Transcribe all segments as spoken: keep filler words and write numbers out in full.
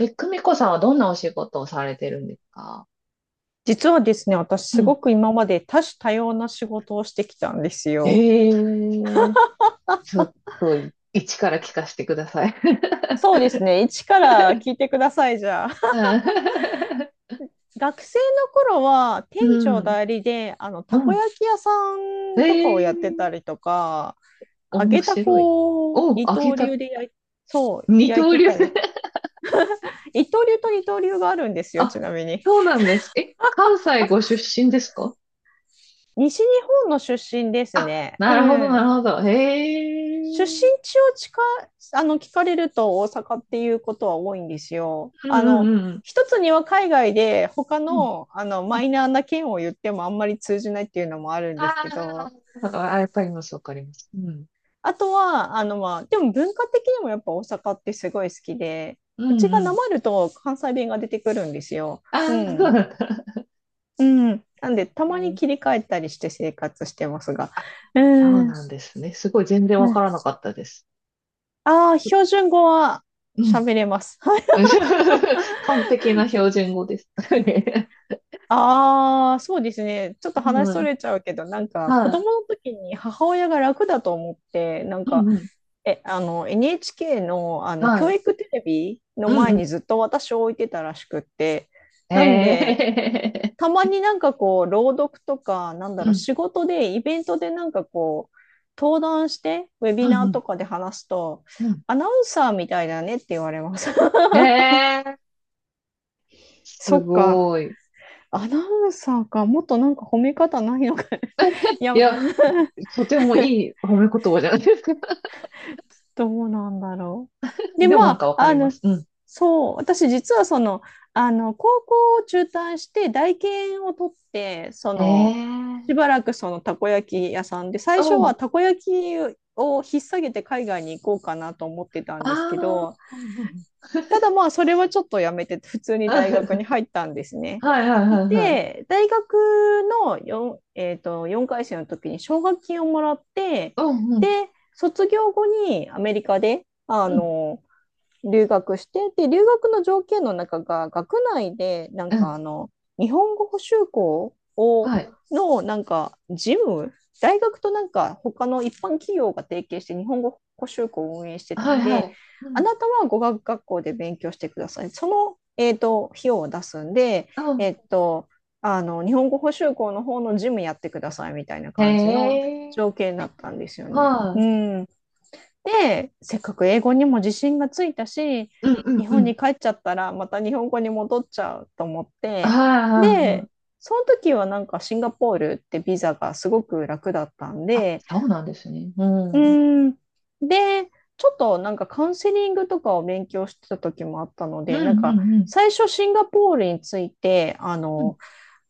え、久美子さんはどんなお仕事をされてるんですか？実はですね、私うすん。ごく今まで多種多様な仕事をしてきたんですよ。ええ、ちょっと、一から聞かせてください。そうですね。一から聞いてください、じゃあ。学生の頃は店長うん。代理で、あの、うたこん。焼き屋さえんとかをやってたえ、りとか、揚面げた白い。こをお、二あげ刀た。流で焼い、そう、二焼い刀て流。たり。一刀流と二刀流があるんですよ、ちあ、なみに。そうなんです。え、関西ご出身ですか？西日本の出身ですあ、ね。うなるほど、なん。るほど。へ出え。身地を近あの、聞かれると大阪っていうことは多いんですよ。うんあうの、んうん。一つには海外で他うんの、あの、うマん。イナーな県を言ってもあんまり通じないっていうのもあるんですあけど、ーあ、やっぱりもそうわかります。うん。あとは、あの、まあ、でも文化的にもやっぱ大阪ってすごい好きで、ううんちうがなん。まると関西弁が出てくるんですよ。うああ、そうん。なんだ。うん。なんで、たへまにー、切り替えたりして生活してますが。そううん。なんですね。すごい全然うわかん、らなかったです。ああ、標準語はうん。喋れます。完璧な標準語です。ああ、そうですね。ちょっと話うそん。れちゃうけど、なんか子供はの時に母親が楽だと思って、なんい。うか、んうん。え、あの、エヌエイチケー の、あの、は教い。育テレビのうん前うん。にずっと私を置いてたらしくって、なんで、えたまになんかこう、朗読とか、なんだー。ろうう、ん。仕事で、イベントでなんかこう、登壇して、ウェうビんナうーん。とかで話すと、うん。アナウンサーみたいだねって言われます。えー。そすっか、ごい。アナウンサーか、もっとなんか褒め方ないのかね。いや、い や、とてもいい褒め言葉じゃないですか。どうなんだろう。で、でもまなんかあ、わかありまの、す。うん。そう、私実はその、あの、高校を中退して大研を取って、そえの、しー。ばらくそのたこ焼き屋さんで、最初おはう。たこ焼きを引っ提げて海外に行こうかなと思ってたんですけあど、あ。うんうん。ただまあ、それはちょっとやめて、普通に大学に 入ったんですね。はいはいはいはい。で、大学の よん,、えーと、よんかい生の時に奨学金をもらって、うんうん。で、卒業後にアメリカで、あうんの、留学して、で、留学の条件の中が、学内で、なんうかん。あの、日本語補習校を、はい。の、なんか、事務、大学となんか、他の一般企業が提携して、日本語補習校を運営してたはいんはで、い。うあんなたは語学学校で勉強してください。その、えっと、費用を出すんで、うん。えっと、あの、日本語補習校の方の事務やってくださいみたいなへ感じのえ。条件だったんですよね。うはい。ん。で、せっかく英語にも自信がついたし、うんうん日う本ん。に帰っちゃったらまた日本語に戻っちゃうと思っはて、いはいはで、い。その時はなんかシンガポールってビザがすごく楽だったんあ、で、そうなんですね。ううん。うんーん、で、ちょっとなんかカウンセリングとかを勉強してた時もあったのうで、なんんかうん。最初シンガポールについて、あうんの、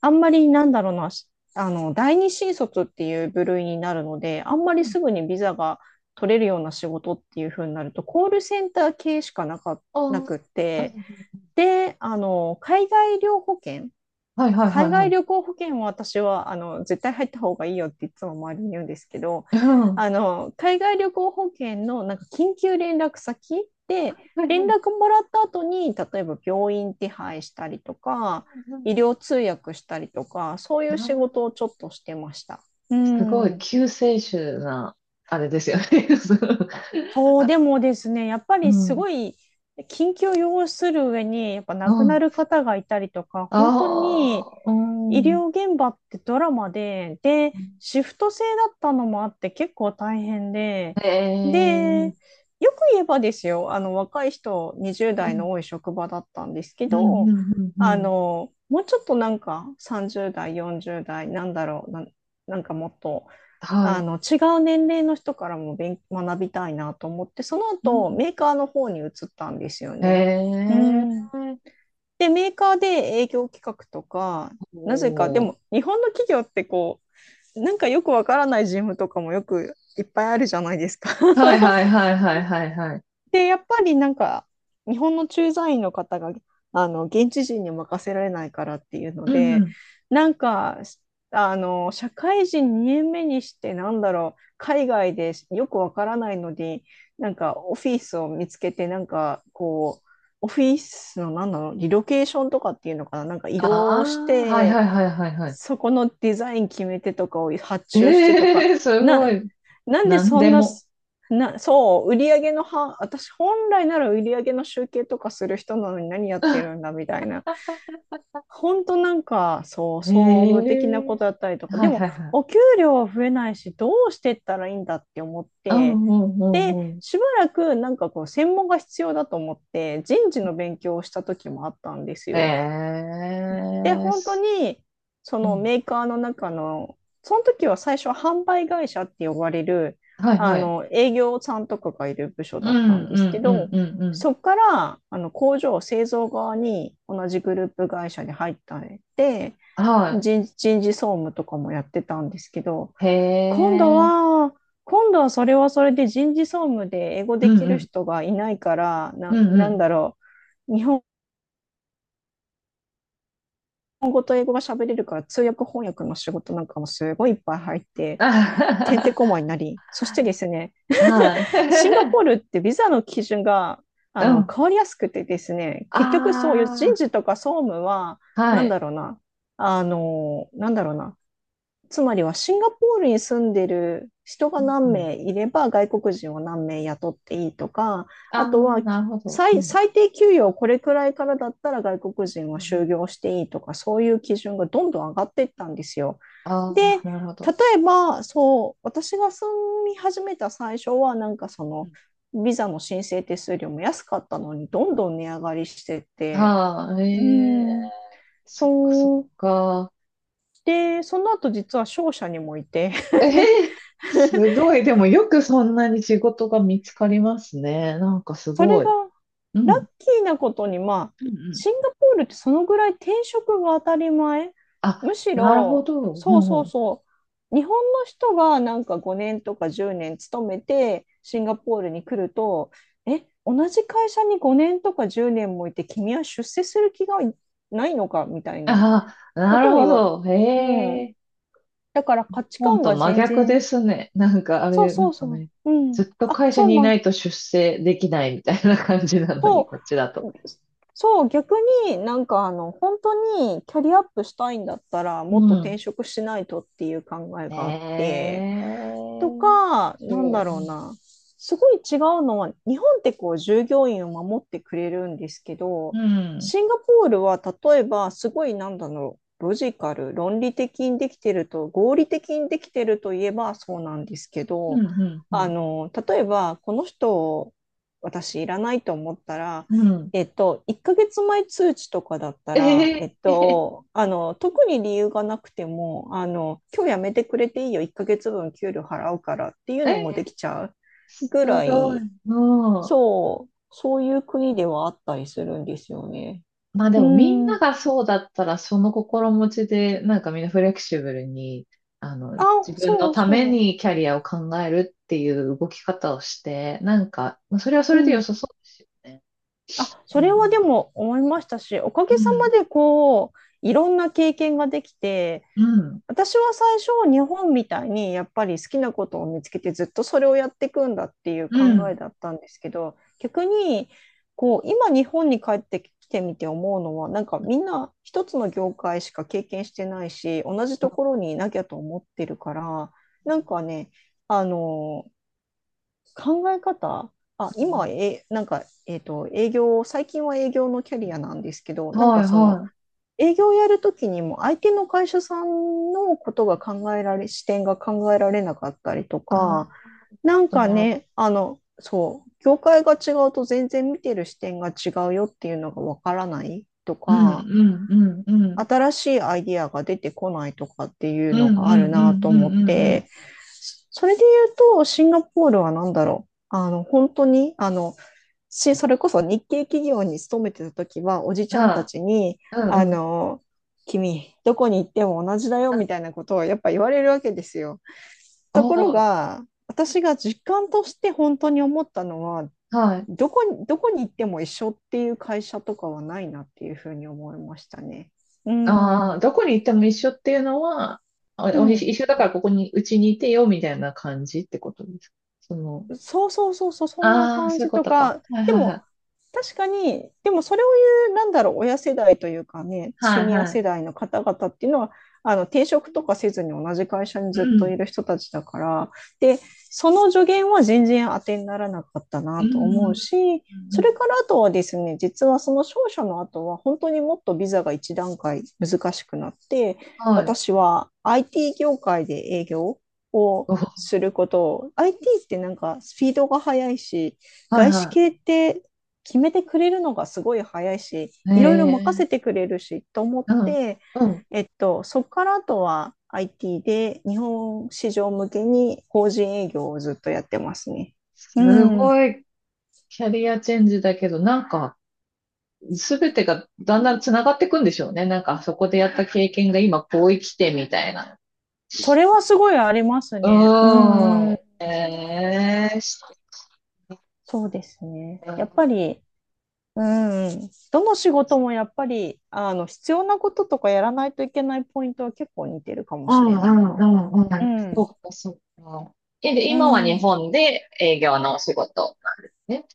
あんまりなんだろうな、しあの、第二新卒っていう部類になるので、あんまうりん。すぐにビザが取れるような仕事っていう風になると、コールセンター系しかなか、あなー、くっうんて、うん。で、あの、海外医療保険はいはいは海いは外い。旅行保険は私はあの絶対入った方がいいよっていつも周りに言うんですけど、うん。はあの海外旅行保険のなんか緊急連絡先でい連はい。絡もらった後に例えば病院手配したりとかうんうん医うん。療通訳したりとかそういあう仕事をあ、ちょっとしてました。うすごいん。救世主な、あれですよね。そう。そうでもですねやっぱうりすん。ごい緊急を要する上にやっぱう亡くなん。る方がいたりとか本当あにあ、う医ん。療現場ってドラマで、で、シフト制だったのもあって結構大変で、へで、よえ。く言えばですよ、あの、若い人、にじゅうう代んの多い職場だったんですけうんうど、んうんうあん。の、もうちょっとなんかさんじゅう代、よんじゅう代、なんだろう、なん、なんかもっと、はあい。の、違う年齢の人からも勉、学びたいなと思って、そのう後、ん。メーカーの方に移ったんですよへね。うえ。ん。で、メーカーで営業企画とか、なぜか、でおー。も日本の企業ってこう、なんかよくわからないジムとかもよくいっぱいあるじゃないですか。はいはい はいはいはいはい。で、やっぱりなんか、日本の駐在員の方が、あの、現地人に任せられないからっていうのうんうで、ん。なんか、あの、社会人にねんめにして、なんだろう、海外でよくわからないのに、なんか、オフィスを見つけて、なんか、こう、オフィスの、なんだろう、リロケーションとかっていうのかな、なんか移あ動しあ、はいはて、いはいはいはい。そこのデザイン決めてとかを発注してとか、ええ、すな、ごい。なんでなんそでんな、も。な、そう、売り上げのは、私本来なら売り上げの集計とかする人なのに何やってるんだ みたいな。本当なんか、そう、え総務的なこえ、とだったりとか、はでいも、はいはい。お給料は増えないし、どうしてったらいいんだって思っうて、んうんうんで、うん。しばらくなんかこう、専門が必要だと思って、人事の勉強をした時もあったんですよ。えで、え、本当す、に、そうのん。メーカーの中の、その時は最初は販売会社って呼ばれる、はいあはい。の、営業さんとかがいる部署うだっんたんですけうんうんど、うんうん。そこから、あの、工場製造側に同じグループ会社に入ったりで、は人、人事総務とかもやってたんですけど、い。へ今度え。は、今度はそれはそれで人事総務で英語うでんきうるん。人がいないから、うな、んうなんん。だろう。日本本語と英語が喋れるから通訳翻訳の仕事なんかもすごいいっぱい入って、あてんてはこまいになり、そしてですね はは、 シンガポーはルってビザの基準がい。あうのん。変わりやすくてですね、あ結局そういう人事とか総務は、あ、なはんい。だろうな、あの、なんだろうな、つまりはシンガポールに住んでる人が何うん。名いれば外国人を何名雇っていいとか、あああ、とはなるほど。う最、ん。最低給与をこれくらいからだったら外国人はうんう就ん。業していいとか、そういう基準がどんどん上がっていったんですよ。で、あ例あ、なるほど。えば、そう、私が住み始めた最初は、なんかそうの、ん。ビザの申請手数料も安かったのに、どんどん値上がりしてて、ああ。えうん。え、そっかそっそう、か。で、その後実は商社にもいて、ええ、すごい。でもよくそんなに仕事が見つかりますね。なんかすそれごがい。うん。ラうッんキーなことに、まあ、うん。シンガポールってそのぐらい転職が当たり前。あ、むしなるほろ、ど。うそうんそううん。そう。日本の人がなんかごねんとかじゅうねん勤めてシンガポールに来ると、え、同じ会社にごねんとかじゅうねんもいて君は出世する気がないのかみたいあなあ、こなるとをほ言わ、ど。うん。ええ、だから価値本観当が真全逆で然、すね。なんかあそうれ、なそんうかそう。ね、うずん。っとあ、会社そうにいまなあ、いと出世できないみたいな感じなのと、に、こっちだと。そう、逆になんかあの、本当にキャリアアップしたいんだったら、もっうと転ん。職しないとっていう考ええがあって、え、と面か、なん白い。だうろうん。な、すごい違うのは、日本ってこう、従業員を守ってくれるんですけうど、ん、シンガポールは例えば、すごいなんだろう、ロジカル、論理的にできてると、合理的にできてるといえばそうなんですけうど、ん、うん、うあん。の、例えば、この人、私いらないと思ったら、うん。えっと、いっかげつまえ通知とかだったら、ええっえ、と、あの、特に理由がなくても、あの、今日やめてくれていいよ、いっかげつぶん給料払うからっていうえのもでえ、きちゃうすぐらごい。い、うん。そう、そういう国ではあったりするんですよね。まあでうもみんなん。がそうだったら、その心持ちで、なんかみんなフレキシブルに、ああ、の、自分のそうためそにキャリアを考えるっていう動き方をして、なんか、まあそれはそう。うれで良ん。さそうですよね。あ、うそれはでん、も思いましたし、おかうげさまん、でこう、いろんな経験ができて、うん、私は最初、日本みたいにやっぱり好きなことを見つけてずっとそれをやっていくんだっていううん。う考えん。だったんですけど、逆にこう今日本に帰ってきてみて思うのは、なんかみんな一つの業界しか経験してないし、同じとこあ、ろにいなきゃと思ってるから、なんかね、あの考え方、あ、うんう今、ん。え、なんか、えっと、営業、最近は営業のキャリアなんですけど、なんはかい、その、はい。営業をやるときにも相手の会社さんのことが考えられ、視点が考えられなかったりとあか、なんあ、かなるほど。ね、あの、そう、業界が違うと全然見てる視点が違うよっていうのがわからないとうんか、うんうんうん新しいアイディアが出てこないとかっていううんのがあうん。るうなとんうん思っうんうん。て、それで言うと、シンガポールはなんだろう。あの、本当に、あの、し、それこそ日系企業に勤めてた時は、おじちゃんたはちに、い。うんあうん。の、君、どこに行っても同じだよあ、みたいなことをやっぱ言われるわけですよ。おところー、が、私が実感として本当に思ったのは、はい。どこに、どこに行っても一緒っていう会社とかはないなっていうふうに思いましたね。うあん。あ、うどこに行っても一緒っていうのは、あおいん。一緒だからここに、うちにいてよみたいな感じってことですか？その、そうそうそうそう、そんなああ、感そういうじこととか。か、はいではいはも、い。確かに、でもそれを言う、なんだろう、親世代というかね、はシいニアはい。世代の方々っていうのは、あの転職とかせずに同じ会社にうずっとん。いる人たちだから、で、その助言は全然当てにならなかったうなと思うん。し、うんそれかうらあとはですね、実はその商社の後は、本当にもっとビザが一段階難しくなって、ん。はい。私は アイティー 業界で営業をお、することを、アイティー ってなんかスピードが速いし、はい外資は系って決めてくれるのがすごい早いし、い。へいろいろ任せてえ。くれるしと思っうん。て、うん。えっと、そこからあとは アイティー で日本市場向けに法人営業をずっとやってますね。すうん。ごいキャリアチェンジだけど、なんか、すべてがだんだん繋がっていくんでしょうね。なんか、そこでやった経験が今こう生きてみたいな。それはすごいありますうね。うんうーん。ん。ええ、して。そうですね。うやっぱんり、うんうん。どの仕事もやっぱり、あの、必要なこととかやらないといけないポイントは結構似てるかもうしれんうないんな。ううん。ん。そうかそうか。え、で、う今は日ん。本で営業のお仕事、ね。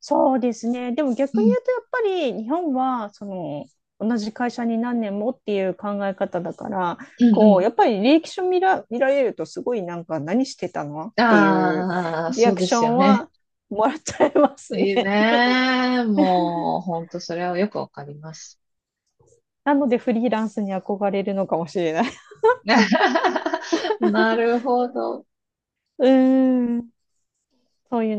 そうですね。でもう逆にん。言うと、やっぱり日本は、その、同じ会社に何年もっていう考え方だから、うんこう、うやっぱり履歴書見ら、見られると、すごいなんか、何してたのっん。ていうああ、リそアうクでショすよンね。はもらっちゃいますいいね。ね。もう、ほんとそれはよくわかります。なので、フリーランスに憧れるのかもしれない。なるほど。うーん。そういう